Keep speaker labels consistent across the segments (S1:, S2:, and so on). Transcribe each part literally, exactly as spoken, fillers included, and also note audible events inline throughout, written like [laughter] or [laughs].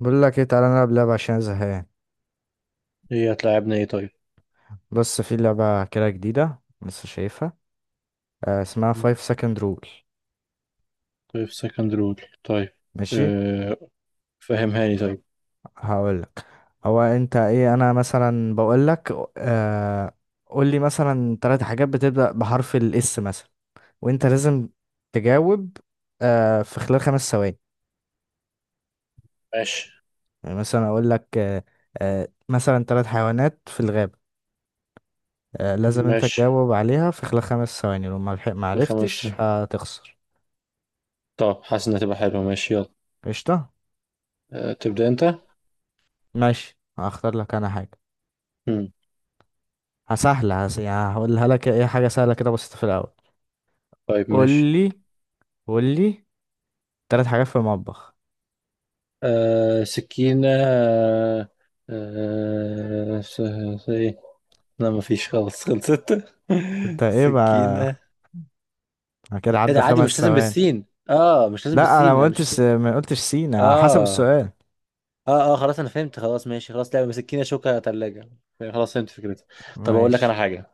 S1: بقول لك ايه، تعالى نلعب لعبة عشان أنا زهقان.
S2: هي هتلاعبنا ايه؟ طيب.
S1: بص، في لعبة كده جديدة لسه شايفها. آه، اسمها فايف second rule.
S2: في سكند رول؟ طيب.
S1: ماشي،
S2: أه، فهمهاني طيب.
S1: هقول لك. هو انت ايه؟ انا مثلا بقول لك آه قول لي مثلا ثلاث حاجات بتبدأ بحرف الاس مثلا، وانت لازم تجاوب آه في خلال خمس ثواني.
S2: ماشي.
S1: يعني مثلا اقول لك آه آه مثلا ثلاث حيوانات في الغابة. آه لازم انت
S2: ماشي،
S1: تجاوب عليها في خلال خمس ثواني، لو ما لحق- ما عرفتش
S2: بخمسة.
S1: هتخسر.
S2: طب، حاسس انها تبقى حلوة، ماشي، يلا.
S1: قشطة.
S2: أه، تبدأ انت.
S1: ماشي، هختار لك انا حاجة
S2: مم.
S1: سهلة. هس- يعني هقولها لك ايه، حاجة سهلة كده بسيطة في الأول.
S2: طيب،
S1: قول
S2: ماشي.
S1: لي قول لي تلات حاجات في المطبخ.
S2: أه، سكينة، أه، أه، س- س- ايه، لا مفيش، خلاص خلصت.
S1: انت
S2: [laughs]
S1: ايه بقى؟
S2: سكينة.
S1: أنا كده
S2: ايه
S1: عدى
S2: ده؟ عادي مش
S1: خمس
S2: لازم
S1: ثواني.
S2: بالسين، اه، مش لازم
S1: لا، انا ما
S2: بالسين، انا شايف
S1: قلتش
S2: ليه.
S1: ما قلتش سينا، على حسب
S2: اه،
S1: السؤال.
S2: اه، اه، خلاص انا فهمت، خلاص، ماشي، خلاص، لعبه، مسكينه، شوكه، ثلاجه. خلاص فهمت فكرتها. طب اقول لك انا
S1: ماشي.
S2: حاجه.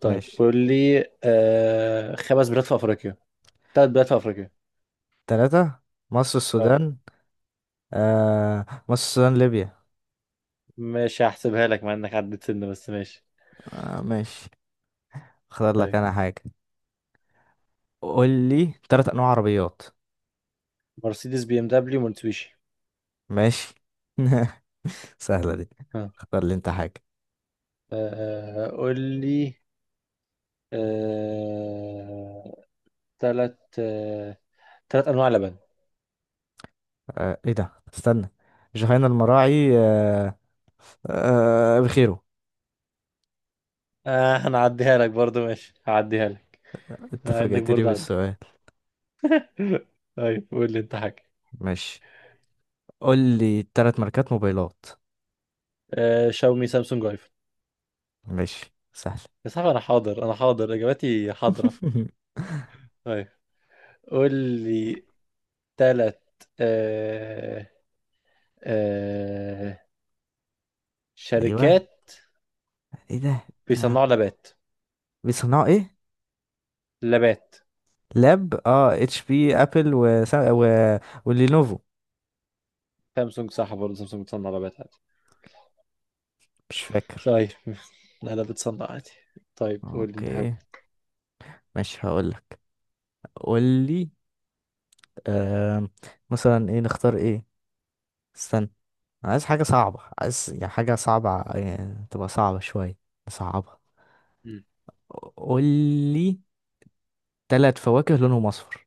S2: طيب
S1: ماشي.
S2: قول لي، آه خمس بلاد في افريقيا. ثلاث بلاد في افريقيا.
S1: تلاتة، مصر،
S2: اه،
S1: السودان. آه، مصر، السودان، ليبيا.
S2: ماشي، هحسبها لك مع انك عديت سنه، بس ماشي.
S1: آه ماشي، اختار لك
S2: طيب.
S1: انا حاجة. قول لي تلات انواع عربيات.
S2: مرسيدس، بي ام دبليو، مرتسويشي.
S1: ماشي. [laughs] سهلة دي.
S2: اه.
S1: اختار لي انت حاجة.
S2: آه، قول لي آه ثلاث آه ثلاث انواع لبن.
S1: آه ايه ده، استنى. جهينة، المراعي، آه آه بخيره.
S2: اه، هنعديها لك برضو، ماشي هعديها لك
S1: انت
S2: مع انك
S1: فاجئتني
S2: برضو عدي.
S1: بالسؤال.
S2: [laughs] طيب قول لي انت حاجه.
S1: ماشي، قول لي تلات ماركات موبايلات.
S2: آه شاومي، سامسونج، ايفون.
S1: ماشي، سهل.
S2: يا صاحبي، انا حاضر، انا حاضر، اجاباتي حاضرة.
S1: [laughs]
S2: طيب، قول لي ثلاث آه آه
S1: ايوه،
S2: شركات
S1: ايه ده؟ آه.
S2: بيصنعوا لبات.
S1: بيصنعوا ايه؟
S2: لبات.
S1: لاب، اه اتش بي، ابل، و... و... ولينوفو.
S2: سامسونج صح برضه، سامسونج بتصنع لبات عادي.
S1: مش فاكر.
S2: طيب. [laughs] لا لا، بتصنع عادي. طيب قول لي انت حاجة.
S1: اوكي، ماشي، هقول لك. قول لي آه مثلا ايه، نختار ايه؟ استنى، أنا عايز حاجة صعبة، عايز يعني حاجة صعبة، يعني تبقى صعبة شوية. صعبة.
S2: مم.
S1: قول لي تلات فواكه لونهم أصفر.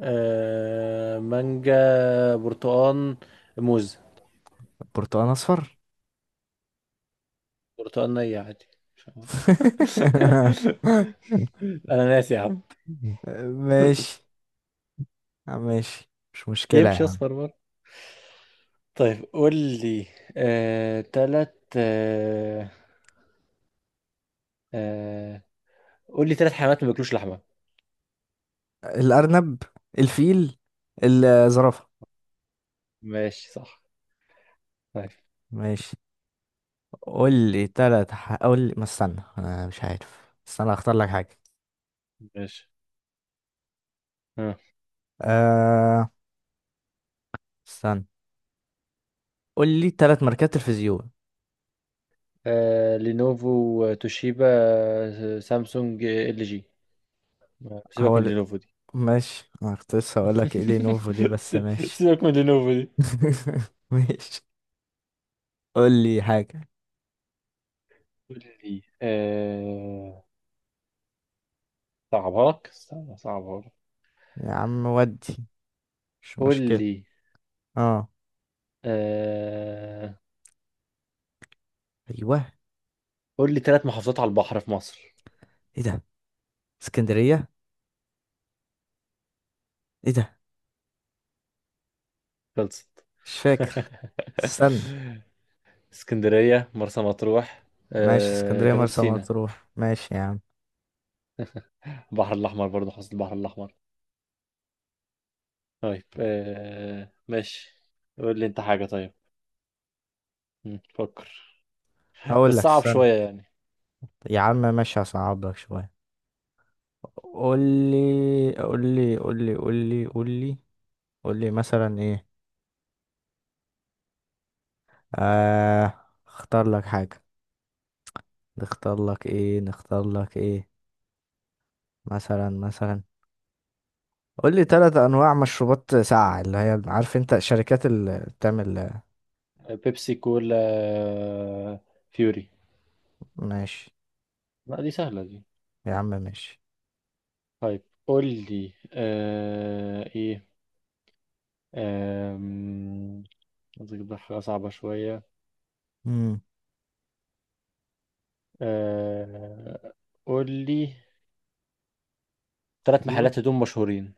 S2: آه مانجا، برتقال، موز.
S1: برتقال أصفر؟
S2: برتقال نية عادي. [laughs]
S1: [laughs]
S2: انا ناسي يا عم.
S1: ماشي. ماشي، مش
S2: [laughs]
S1: مشكلة يا
S2: يمشي
S1: عم.
S2: اصفر. طيب قول لي، آه... تلات آه... آه... قول لي تلات حيوانات ما بياكلوش لحمة.
S1: الأرنب، الفيل، الزرافة.
S2: ماشي صح. طيب.
S1: ماشي، قول لي تلات ح... قول لي، ما استنى، أنا مش عارف، استنى، أختار لك حاجة.
S2: ماشي آه.
S1: أه... استنى. قول لي تلات ماركات تلفزيون.
S2: آه... لينوفو، توشيبا، آه، سامسونج، آه، ال جي. آه، سيبك من
S1: هو
S2: لينوفو دي.
S1: ماشي، انا كنت لسه هقول
S2: [laughs]
S1: لك ايه لينوفو دي، بس
S2: س-
S1: ماشي.
S2: سيبك من لينوفو دي.
S1: [laughs] ماشي، قول لي حاجة.
S2: قول لي آه... صعبها لك، استنى، صعبها لك.
S1: يا عم، ودي مش
S2: قول
S1: مشكلة.
S2: لي
S1: اه،
S2: آه...
S1: ايوه،
S2: قول لي تلات محافظات على البحر في مصر.
S1: ايه ده؟ اسكندرية، ايه ده؟
S2: خلصت.
S1: مش فاكر،
S2: [laughs]
S1: استنى.
S2: [laughs] اسكندرية، مرسى مطروح،
S1: ماشي،
S2: آه،
S1: اسكندرية،
S2: جنوب
S1: مرسى
S2: سيناء.
S1: مطروح، ماشي يا عم.
S2: البحر الأحمر برضه، حوض البحر الأحمر. طيب، آه، ماشي. قول لي أنت حاجة، طيب. مم، فكر، بس
S1: هقول لك،
S2: صعب
S1: استنى.
S2: شوية يعني.
S1: يا عم ماشي، هصعب لك شوية. قول لي، قول لي، قول لي، قول لي، قول لي، قول لي مثلا ايه. آه اختار لك حاجة، نختار لك ايه نختار لك ايه؟ مثلا مثلا قول لي ثلاث انواع مشروبات ساقعه، اللي هي عارف انت شركات اللي بتعمل.
S2: بيبسي، كولا، آه، فيوري.
S1: ماشي.
S2: لا دي سهلة دي.
S1: يا عم ماشي.
S2: طيب قول لي آه، إيه، آم، عايز أجيب لك حاجة صعبة شوية.
S1: امم
S2: آه، قول لي ثلاث
S1: ايوه،
S2: محلات هدوم مشهورين.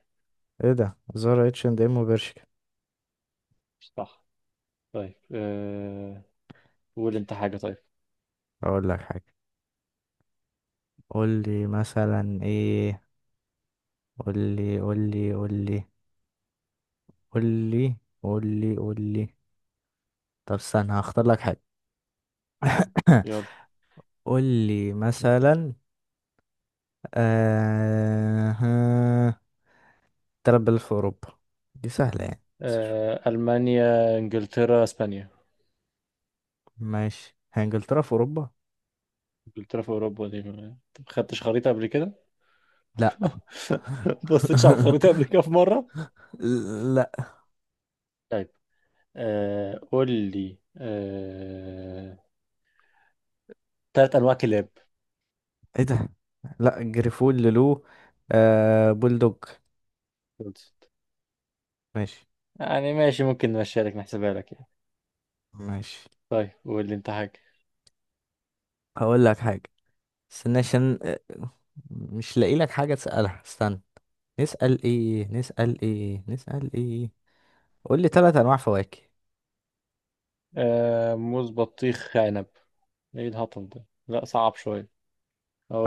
S1: ايه ده؟ زارا، اتش اند ام، وبرشكا.
S2: صح. طيب، آه، قول أنت حاجة، طيب.
S1: اقول لك حاجه، قول لي مثلا ايه. قول لي، قول لي، قول لي، قول لي، قول لي، قول لي. طب استنى، هختار لك حاجه.
S2: يلا.
S1: [coughs] قول لي مثلا آه ها، تلات بلاد في اوروبا. دي سهله يعني، بس شو-
S2: آه، ألمانيا، إنجلترا، إسبانيا.
S1: ماشي. هي انجلترا في اوروبا؟
S2: إنجلترا في أوروبا، دي ما ما خدتش خريطة قبل كده؟
S1: لا.
S2: [laughs] ما بصيتش على الخريطة قبل
S1: [laughs]
S2: كده في مرة؟
S1: لا،
S2: طيب، آه، قول لي آه، تلات أنواع كلاب.
S1: ايه ده؟ لا، جريفول، لولو، آه بولدوج.
S2: خلصت.
S1: ماشي.
S2: يعني ماشي، ممكن نمشيها لك نحسبها لك يعني.
S1: ماشي،
S2: طيب قول لي أنت حاجة.
S1: هقول لك حاجة. استنى عشان آه، مش لاقي لك حاجة تسألها، استنى. نسأل ايه، نسأل ايه، نسأل ايه؟ قول لي ثلاث انواع فواكه.
S2: آه، موز، بطيخ، عنب. إيه الهطل ده؟ لا صعب شوية.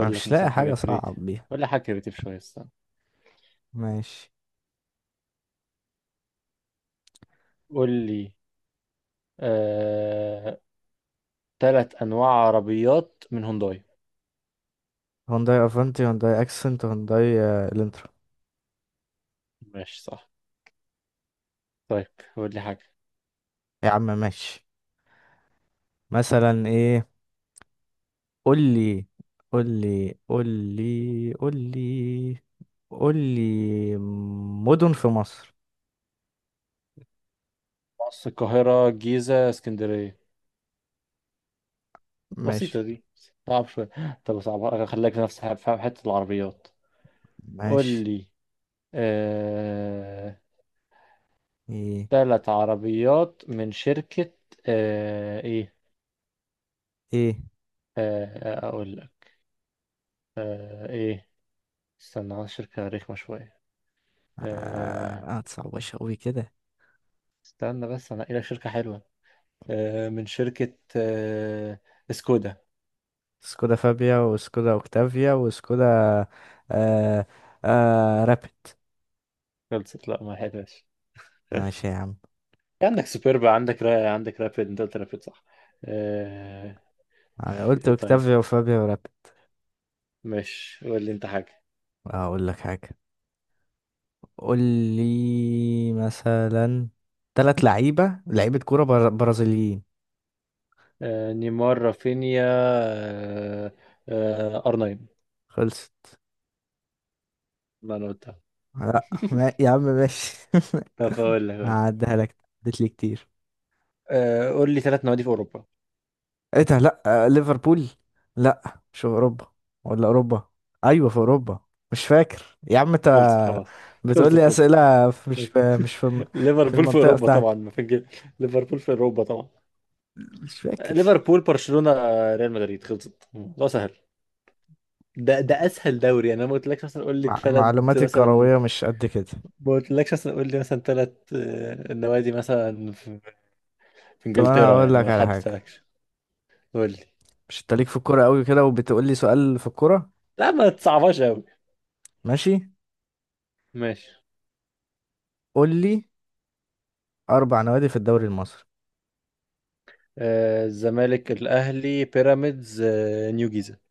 S1: انا
S2: لك
S1: مش لاقي
S2: مثلا حاجة
S1: حاجة
S2: كريتيف،
S1: صعب بيها.
S2: ولا حاجة كريتيف شوية، استنى.
S1: ماشي.
S2: قول لي آه، تلات أنواع عربيات من هونداي.
S1: هونداي افنتي، هونداي اكسنت، هونداي آه، الانترا.
S2: ماشي صح. طيب قول لي حاجة.
S1: يا عم ماشي، مثلا ايه؟ قول لي، قول لي، قول لي، قول لي، قول لي مدن في مصر.
S2: مصر، القاهرة، الجيزة، اسكندرية.
S1: ماشي
S2: بسيطة دي. صعب شوية. طب صعب، خليك في نفس ح- في حتة العربيات. قول
S1: ماشي.
S2: لي آه...
S1: ايه
S2: تلات عربيات من شركة آه... ايه
S1: ايه؟
S2: آه... آه، اقول لك آه... ايه استنى على شركة رخمة شوية. آه...
S1: آه، هتصعبش قوي كده.
S2: استنى بس انا لك شركة حلوة، آه... من شركة آه... سكودا.
S1: سكودا فابيا، وسكودا اوكتافيا، وسكودا آه آه رابid.
S2: خلصت، لا ما لحقتهاش.
S1: ماشي يا عم.
S2: عندك سوبربا، عندك را... عندك رابيد، انت قلت رابيد صح؟ آه...
S1: انا قلت
S2: إيه؟ طيب،
S1: اوكتافيا، وفابيا، ورابد.
S2: ماشي، قول لي انت حاجة.
S1: هقول لك حاجه، قول لي مثلا ثلاث لعيبه لعيبه كوره بر... برازيليين.
S2: آه... نيمار، رافينيا، آه... آه... آر ناين.
S1: خلصت.
S2: ما انا قلتها.
S1: لا ما... يا عم ماشي. [laughs]
S2: طب اقول لك، أقول لك.
S1: هعديها لك، اديت لي كتير.
S2: آه... قول لي ثلاث نوادي في اوروبا.
S1: ايه ده؟ لا، آه، ليفربول. لا، مش في اوروبا، ولا اوروبا، ايوه في اوروبا. مش فاكر. يا عم انت
S2: خلصت، خلاص،
S1: بتقول
S2: خلصت،
S1: لي
S2: خلصت.
S1: اسئله في- مش في مش في
S2: [laughs]
S1: في
S2: ليفربول في
S1: المنطقه
S2: اوروبا
S1: بتاعتي.
S2: طبعا، ما فين كده؟ ليفربول في اوروبا طبعا.
S1: مش فاكر.
S2: ليفربول، برشلونة، آه، ريال مدريد، خلصت، ده سهل. ده ده اسهل دوري يعني، انا ما قلتلكش مثلا قول لي
S1: مع...
S2: ثلاث
S1: معلوماتي
S2: مثلا،
S1: الكرويه مش قد كده.
S2: ما قلتلكش مثلا قول لي مثلا ثلاث نوادي مثلا في في
S1: طب انا
S2: انجلترا
S1: هقول
S2: يعني،
S1: لك
S2: ما
S1: على حاجه.
S2: حددتلكش. قول لي،
S1: مش انت ليك في الكوره قوي كده، وبتقول لي سؤال في الكوره؟
S2: لا ما تصعبهاش قوي،
S1: ماشي،
S2: ماشي.
S1: قول لي اربع نوادي في الدوري المصري.
S2: آه، الزمالك، الاهلي، بيراميدز، آه، نيو جيزه،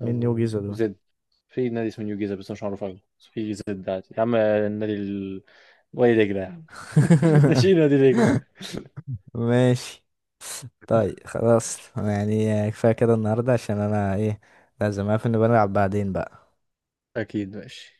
S1: مين يوجي
S2: او
S1: دول؟
S2: زد. في نادي اسمه نيو جيزه بس مش معروف قوي، بس في زد عادي يا عم، النادي ال... وادي دجله يا عم. [laughs] ناشئين نادي دجله.
S1: [laughs] ماشي. طيب خلاص، يعني كفاية كده النهاردة، عشان انا ايه، لازم اقفل، نبقى نلعب بعدين بقى.
S2: اكيد، ماشي.